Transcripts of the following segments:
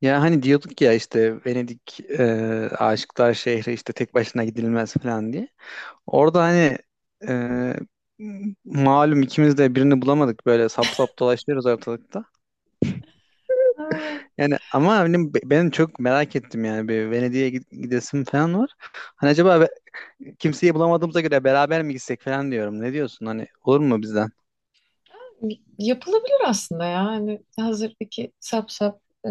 Ya hani diyorduk ya işte Venedik aşıklar şehri işte tek başına gidilmez falan diye. Orada hani e, malum ikimiz de birini bulamadık böyle sap sap dolaşıyoruz ortalıkta. Ha, Yani ama benim çok merak ettim yani bir Venedik'e gidesim falan var. Hani kimseyi bulamadığımıza göre beraber mi gitsek falan diyorum. Ne diyorsun hani olur mu bizden? yapılabilir aslında ya. Hani hazır iki sap sap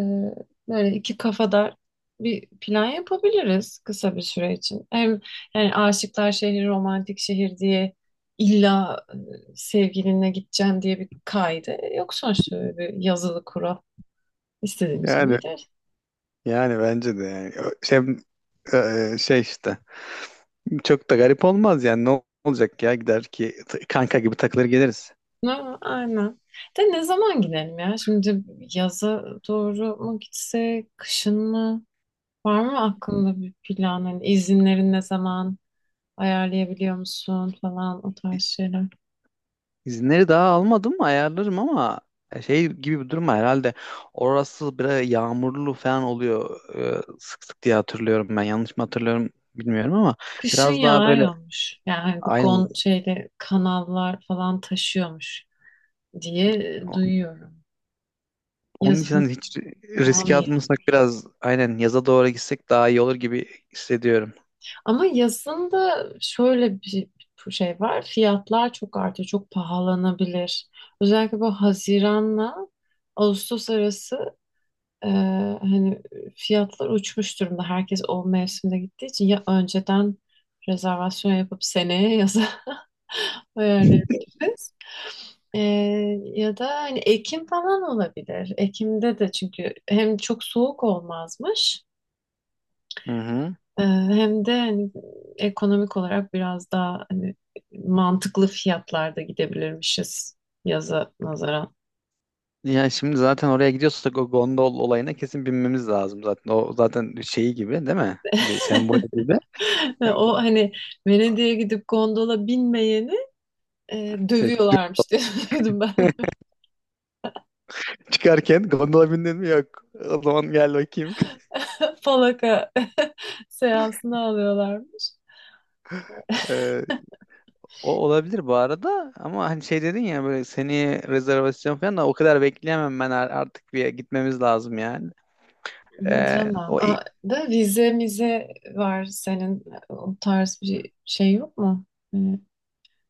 böyle iki kafadar bir plan yapabiliriz kısa bir süre için. Hem yani Aşıklar Şehri romantik şehir diye illa sevgilinle gideceğim diye bir kaydı yok sonuçta öyle bir yazılı kural. İstediğimiz gibi Yani gideriz. yani bence de yani. E, şey işte. Çok da garip olmaz yani ne olacak ya gider ki kanka gibi takılır geliriz. Ha, aynen. De ne zaman gidelim ya? Şimdi yaza doğru mu gitsek, kışın mı? Var mı aklında bir plan? Hani izinlerin ne zaman ayarlayabiliyor musun falan o tarz şeyler. İzinleri daha almadım ayarlarım ama şey gibi bir durum var herhalde. Orası biraz yağmurlu falan oluyor sık sık diye hatırlıyorum ben. Yanlış mı hatırlıyorum bilmiyorum ama Kışın biraz daha yağ böyle yağmış. Yani hani bu aynı. gon şeyde kanallar falan taşıyormuş diye duyuyorum. Onun için Yazın hani hiç daha mı? riske atmasak biraz aynen yaza doğru gitsek daha iyi olur gibi hissediyorum. Ama yazında şöyle bir şey var. Fiyatlar çok artıyor, çok pahalanabilir. Özellikle bu Haziran'la Ağustos arası e, hani fiyatlar uçmuş durumda. Herkes o mevsimde gittiği için ya önceden rezervasyon yapıp seneye yaza ayarlayabiliriz. E, Ya da hani Ekim falan olabilir. Ekim'de de çünkü hem çok soğuk olmazmış. Hı hı. Hem de hani ekonomik olarak biraz daha hani mantıklı fiyatlarda gidebilirmişiz yaza nazaran. Yani şimdi zaten oraya gidiyorsak o gondol olayına kesin binmemiz lazım zaten. O zaten şeyi gibi değil mi? Bir sembol gibi. Ya bu O hani Venedik'e gidip gondola binmeyeni Şey, dövüyorlarmış diye duydum ben. çıkarken gondola bindin mi yok. O zaman gel bakayım. Falaka seansına alıyorlarmış. Ee, O olabilir bu arada ama hani şey dedin ya böyle seni rezervasyon falan da o kadar bekleyemem ben artık bir gitmemiz lazım yani. Hı, tamam. O, i- Aa, da vize mize var senin o tarz bir şey yok mu? Hani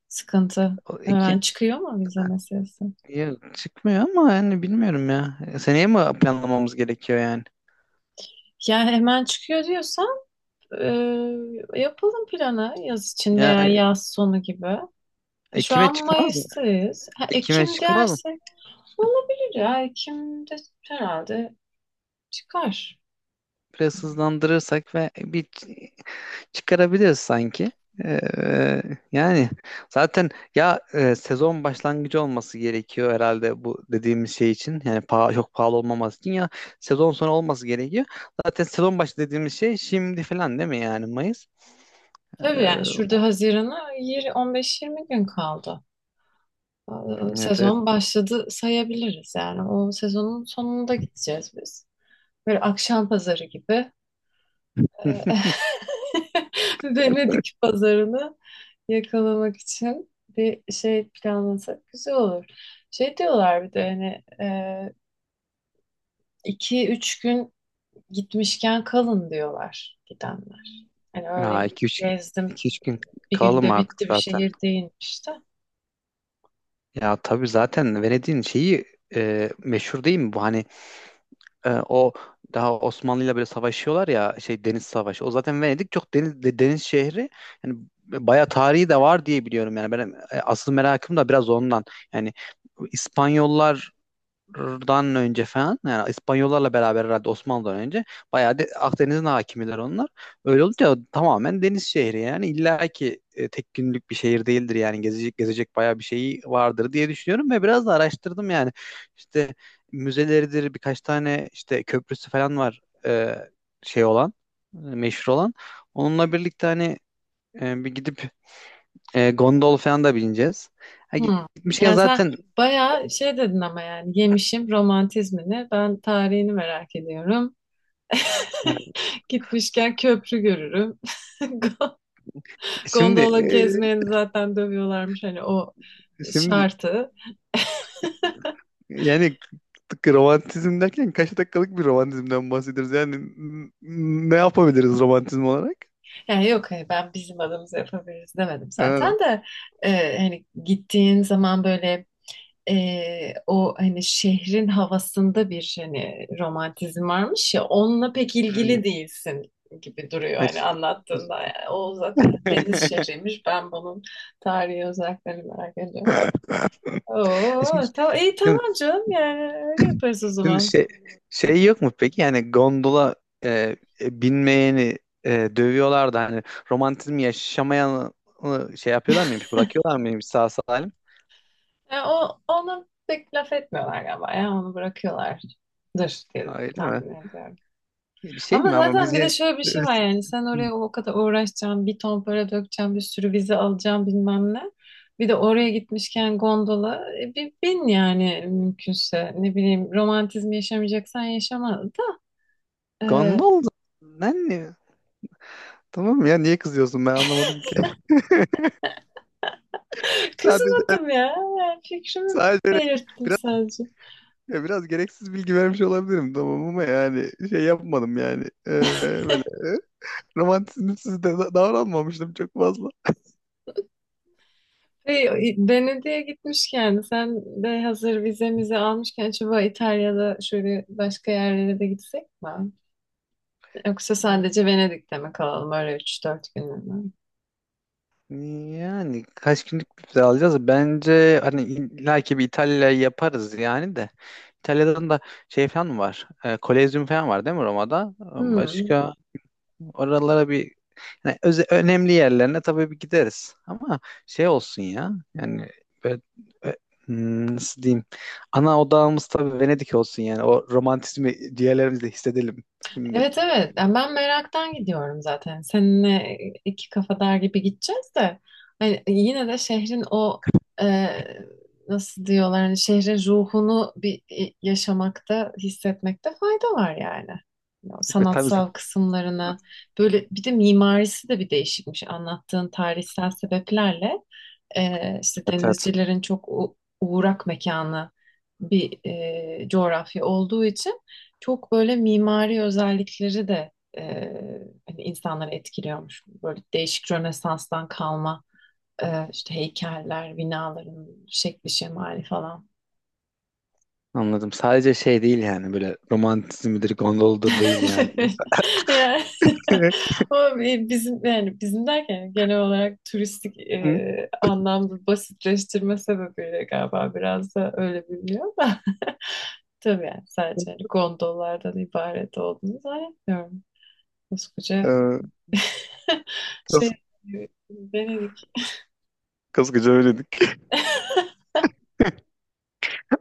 sıkıntı. o Hemen iki, çıkıyor mu vize meselesi? Ya çıkmıyor ama yani bilmiyorum ya. Seneye mi planlamamız gerekiyor yani? Yani hemen çıkıyor diyorsan e, yapalım planı yaz için veya Ya yaz sonu gibi. Şu Ekim'e an çıkmaz mı? Mayıs'tayız. Ha, Ekim'e Ekim çıkmaz mı? dersek olabilir ya. Ekim'de herhalde çıkar. Biraz hızlandırırsak ve çıkarabiliriz sanki. Ee, Yani zaten sezon başlangıcı olması gerekiyor herhalde bu dediğimiz şey için. Yani çok pahalı olmaması için ya sezon sonu olması gerekiyor. Zaten sezon başı dediğimiz şey şimdi falan değil mi yani Mayıs? Ee, Tabii yani şurada Haziran'a 15-20 gün kaldı. Evet evet. Sezon başladı sayabiliriz yani. O sezonun sonunda gideceğiz biz. Böyle akşam pazarı gibi Ee, Venedik pazarını yakalamak için bir şey planlasak güzel olur. Şey diyorlar bir de hani iki üç gün gitmişken kalın diyorlar gidenler. Hani öyle Ha, iki üç gezdim iki üç gün bir kalalım günde artık bitti bir zaten. şehir değilmiş de. Ya tabii zaten Venedik'in şeyi meşhur değil mi bu? Hani o daha Osmanlı'yla böyle savaşıyorlar ya şey deniz savaşı. O zaten Venedik çok deniz şehri. Yani bayağı tarihi de var diye biliyorum yani. Ben asıl merakım da biraz ondan. Yani İspanyollar dan önce falan yani İspanyollarla beraber herhalde Osmanlı'dan önce bayağı Akdeniz'in hakimiler onlar. Öyle olunca tamamen deniz şehri yani illa ki tek günlük bir şehir değildir yani gezecek gezecek bayağı bir şeyi vardır diye düşünüyorum ve biraz da araştırdım yani işte müzeleridir birkaç tane işte köprüsü falan var, şey olan meşhur olan. Onunla birlikte hani bir gidip gondol falan da bineceğiz. Ha, Hmm. gitmişken Yani sen zaten. bayağı şey dedin ama yani yemişim romantizmini. Ben tarihini merak ediyorum. Ha, Gitmişken köprü görürüm. Go- şimdi Gondola e, gezmeyeni zaten dövüyorlarmış hani o Şimdi şartı. Yani k- Romantizm derken kaç dakikalık bir romantizmden bahsediyoruz? Yani ne yapabiliriz romantizm olarak? Yani yok hani ben bizim adımıza yapabiliriz demedim Ha, zaten de hani gittiğin zaman böyle o hani şehrin havasında bir hani romantizm varmış ya onunla pek hmm. ilgili değilsin gibi duruyor Ha, hani ş- anlattığında. Yani o zaten deniz şehriymiş. Ben bunun tarihi özelliklerini merak ediyorum. Şimdi, Oo, tamam, iyi şimdi- tamam canım yani öyle yaparız o şimdi zaman. şey, şey yok mu peki? Yani gondola e, binmeyeni dövüyorlar da hani romantizmi yaşamayanı şey yapıyorlar mıymış? Bırakıyorlar mıymış sağ salim? Yani o, ona pek laf etmiyorlar galiba ya onu bırakıyorlardır diye Ha, öyle mi? tahmin ediyorum. Bir şey Ama mi ama zaten biz bir de ya- şöyle bir şey var yani sen oraya o kadar uğraşacaksın, bir ton para dökeceksin, bir sürü vize alacaksın bilmem ne. Bir de oraya gitmişken gondola bir bin yani mümkünse ne bileyim romantizmi yaşamayacaksan yaşama da e, Gondol ben ne? Tamam ya niye kızıyorsun ben anlamadım ki. Sadece kızmadım ya yani fikrimi sadece öyle belirttim biraz sadece. ya biraz gereksiz bilgi vermiş olabilirim tamam ama yani şey yapmadım yani. Böyle romantizmsiz davranmamıştım çok fazla. Ve Venedik'e gitmişken sen de hazır vizemizi almışken acaba İtalya'da şöyle başka yerlere de gitsek mi? Yoksa sadece Venedik'te mi kalalım öyle 3-4 günlüğüne? Yani kaç günlük bir vize alacağız? Bence hani illa bir İtalya yaparız yani de. İtalya'dan da şey falan mı var? E, Kolezyum falan var değil mi Roma'da? Hmm. Başka Oralara bir yani önemli yerlerine tabii bir gideriz. Ama şey olsun ya. Yani böyle, ö- nasıl diyeyim? Ana odağımız tabii Venedik olsun yani. O romantizmi diğerlerimizle hissedelim. Şimdi Evet, evet. Yani ben meraktan gidiyorum zaten. Seninle iki kafadar gibi gideceğiz de. Hani yine de şehrin o e, nasıl diyorlar hani şehrin ruhunu bir yaşamakta, hissetmekte fayda var yani. O ve tabii sanatsal zaten. kısımlarına böyle bir de mimarisi de bir değişikmiş anlattığın tarihsel sebeplerle. İşte Evet, evet. denizcilerin çok uğrak mekanı bir coğrafya olduğu için çok böyle mimari özellikleri de e, hani insanları etkiliyormuş. Böyle değişik Rönesans'tan kalma e, işte heykeller, binaların şekli şemali falan. Anladım. Sadece şey değil yani böyle romantizmidir, gondoludur değil yani. Yani o bizim yani bizim derken genel olarak turistik Hı? Anlamda basitleştirme sebebiyle galiba biraz da öyle biliniyor da. Tabii yani sadece hani gondollardan ibaret olduğunu zannetmiyorum. Koskoca Ee, şey kas, Venedik. kaskıca öyledik.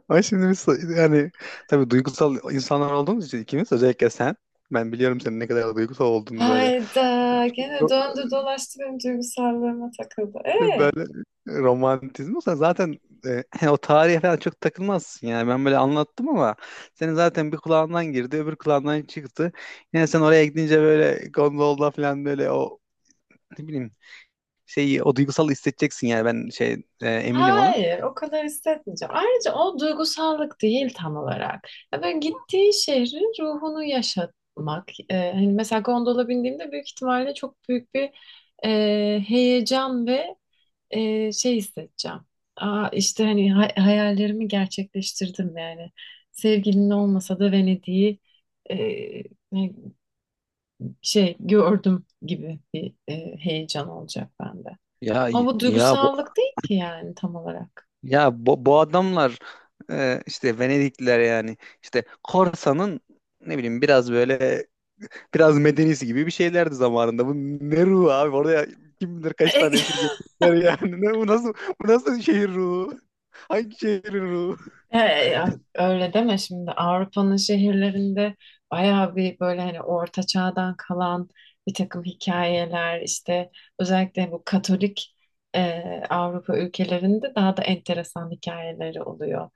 Ama şimdi biz yani tabii duygusal insanlar olduğumuz için ikimiz özellikle sen, ben biliyorum senin ne kadar duygusal olduğunu. böyle Hayda gene Ro- döndü dolaştı benim duygusallarıma takıldı. E, böyle romantizm olsa zaten o tarihe falan çok takılmazsın yani ben böyle anlattım ama senin zaten bir kulağından girdi öbür kulağından çıktı, yine sen oraya gidince böyle gondolda falan böyle o, ne bileyim, şeyi o duygusal hissedeceksin yani ben şey eminim ona. hayır, o kadar hissetmeyeceğim. Ayrıca o duygusallık değil tam olarak. Ya böyle gittiği şehrin ruhunu yaşatmak. Hani mesela gondola bindiğimde büyük ihtimalle çok büyük bir e, heyecan ve şey hissedeceğim. Aa, işte hani hayallerimi gerçekleştirdim yani. Sevgilin olmasa da Venedik'i e, ne- şey gördüm gibi bir heyecan olacak bende. ya Ama bu ya duygusallık değil ki yani tam olarak. Ya bu, bu adamlar işte Venedikliler yani işte Korsa'nın ne bileyim biraz böyle biraz medenisi gibi bir şeylerdi zamanında. Bu ne ruhu abi, oraya kim bilir kaç tane esir getirdiler yani. Ne, bu nasıl bu nasıl şehir ruhu? Hangi şehrin ruhu? Ya öyle deme şimdi Avrupa'nın şehirlerinde bayağı bir böyle hani orta çağdan kalan bir takım hikayeler işte özellikle bu Katolik e, Avrupa ülkelerinde daha da enteresan hikayeleri oluyor.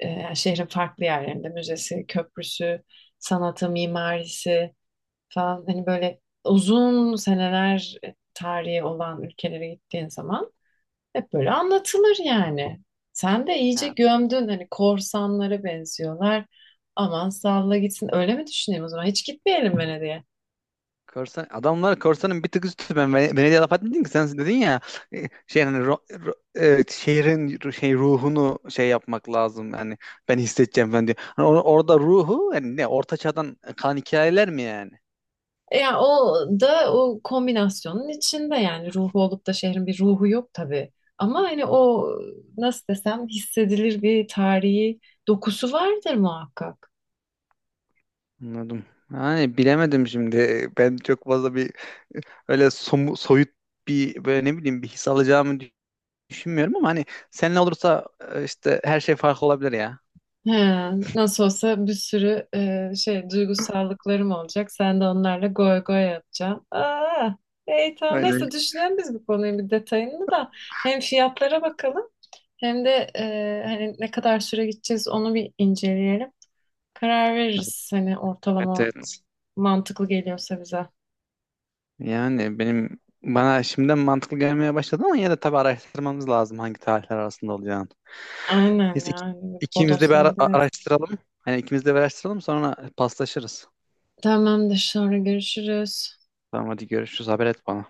Yani şehrin farklı yerlerinde müzesi, köprüsü, sanatı, mimarisi falan hani böyle uzun seneler tarihi olan ülkelere gittiğin zaman hep böyle anlatılır yani. Sen de iyice gömdün hani korsanlara benziyorlar. Aman salla gitsin. Öyle mi düşüneyim o zaman? Hiç gitmeyelim Venedik'e. Korsan, adamlar korsanın bir tık üstü. Ben Venedik'e laf etmedim ki, sen dedin ya e, şey hani ro- ro- şehrin ruhunu şey yapmak lazım yani ben hissedeceğim ben diyor. Hani orada ruhu yani ne orta çağdan kalan hikayeler mi yani? Yani o da o kombinasyonun içinde yani ruhu olup da şehrin bir ruhu yok tabii. Ama hani o nasıl desem hissedilir bir tarihi dokusu vardır muhakkak. Anladım. Yani bilemedim şimdi. Ben çok fazla bir öyle soyut bir böyle ne bileyim bir his alacağımı düşünmüyorum ama hani seninle olursa işte her şey farklı olabilir ya. He, nasıl olsa bir sürü şey duygusallıklarım olacak. Sen de onlarla goy goy yapacaksın. Aa, iyi, tamam. Aynen. Neyse düşünelim biz bu konuyu bir detayını da. Hem fiyatlara bakalım hem de hani ne kadar süre gideceğiz onu bir inceleyelim. Karar veririz hani Evet ortalama evet. mantıklı geliyorsa bize. Yani bana şimdiden mantıklı gelmeye başladı ama yine de tabii araştırmamız lazım hangi tarihler arasında olacağını. Aynen Neyse yani ikimiz de bodoslama gidemeyiz. araştıralım. Hani ikimiz de bir araştıralım sonra paslaşırız. Tamamdır sonra görüşürüz. Tamam hadi görüşürüz, haber et bana.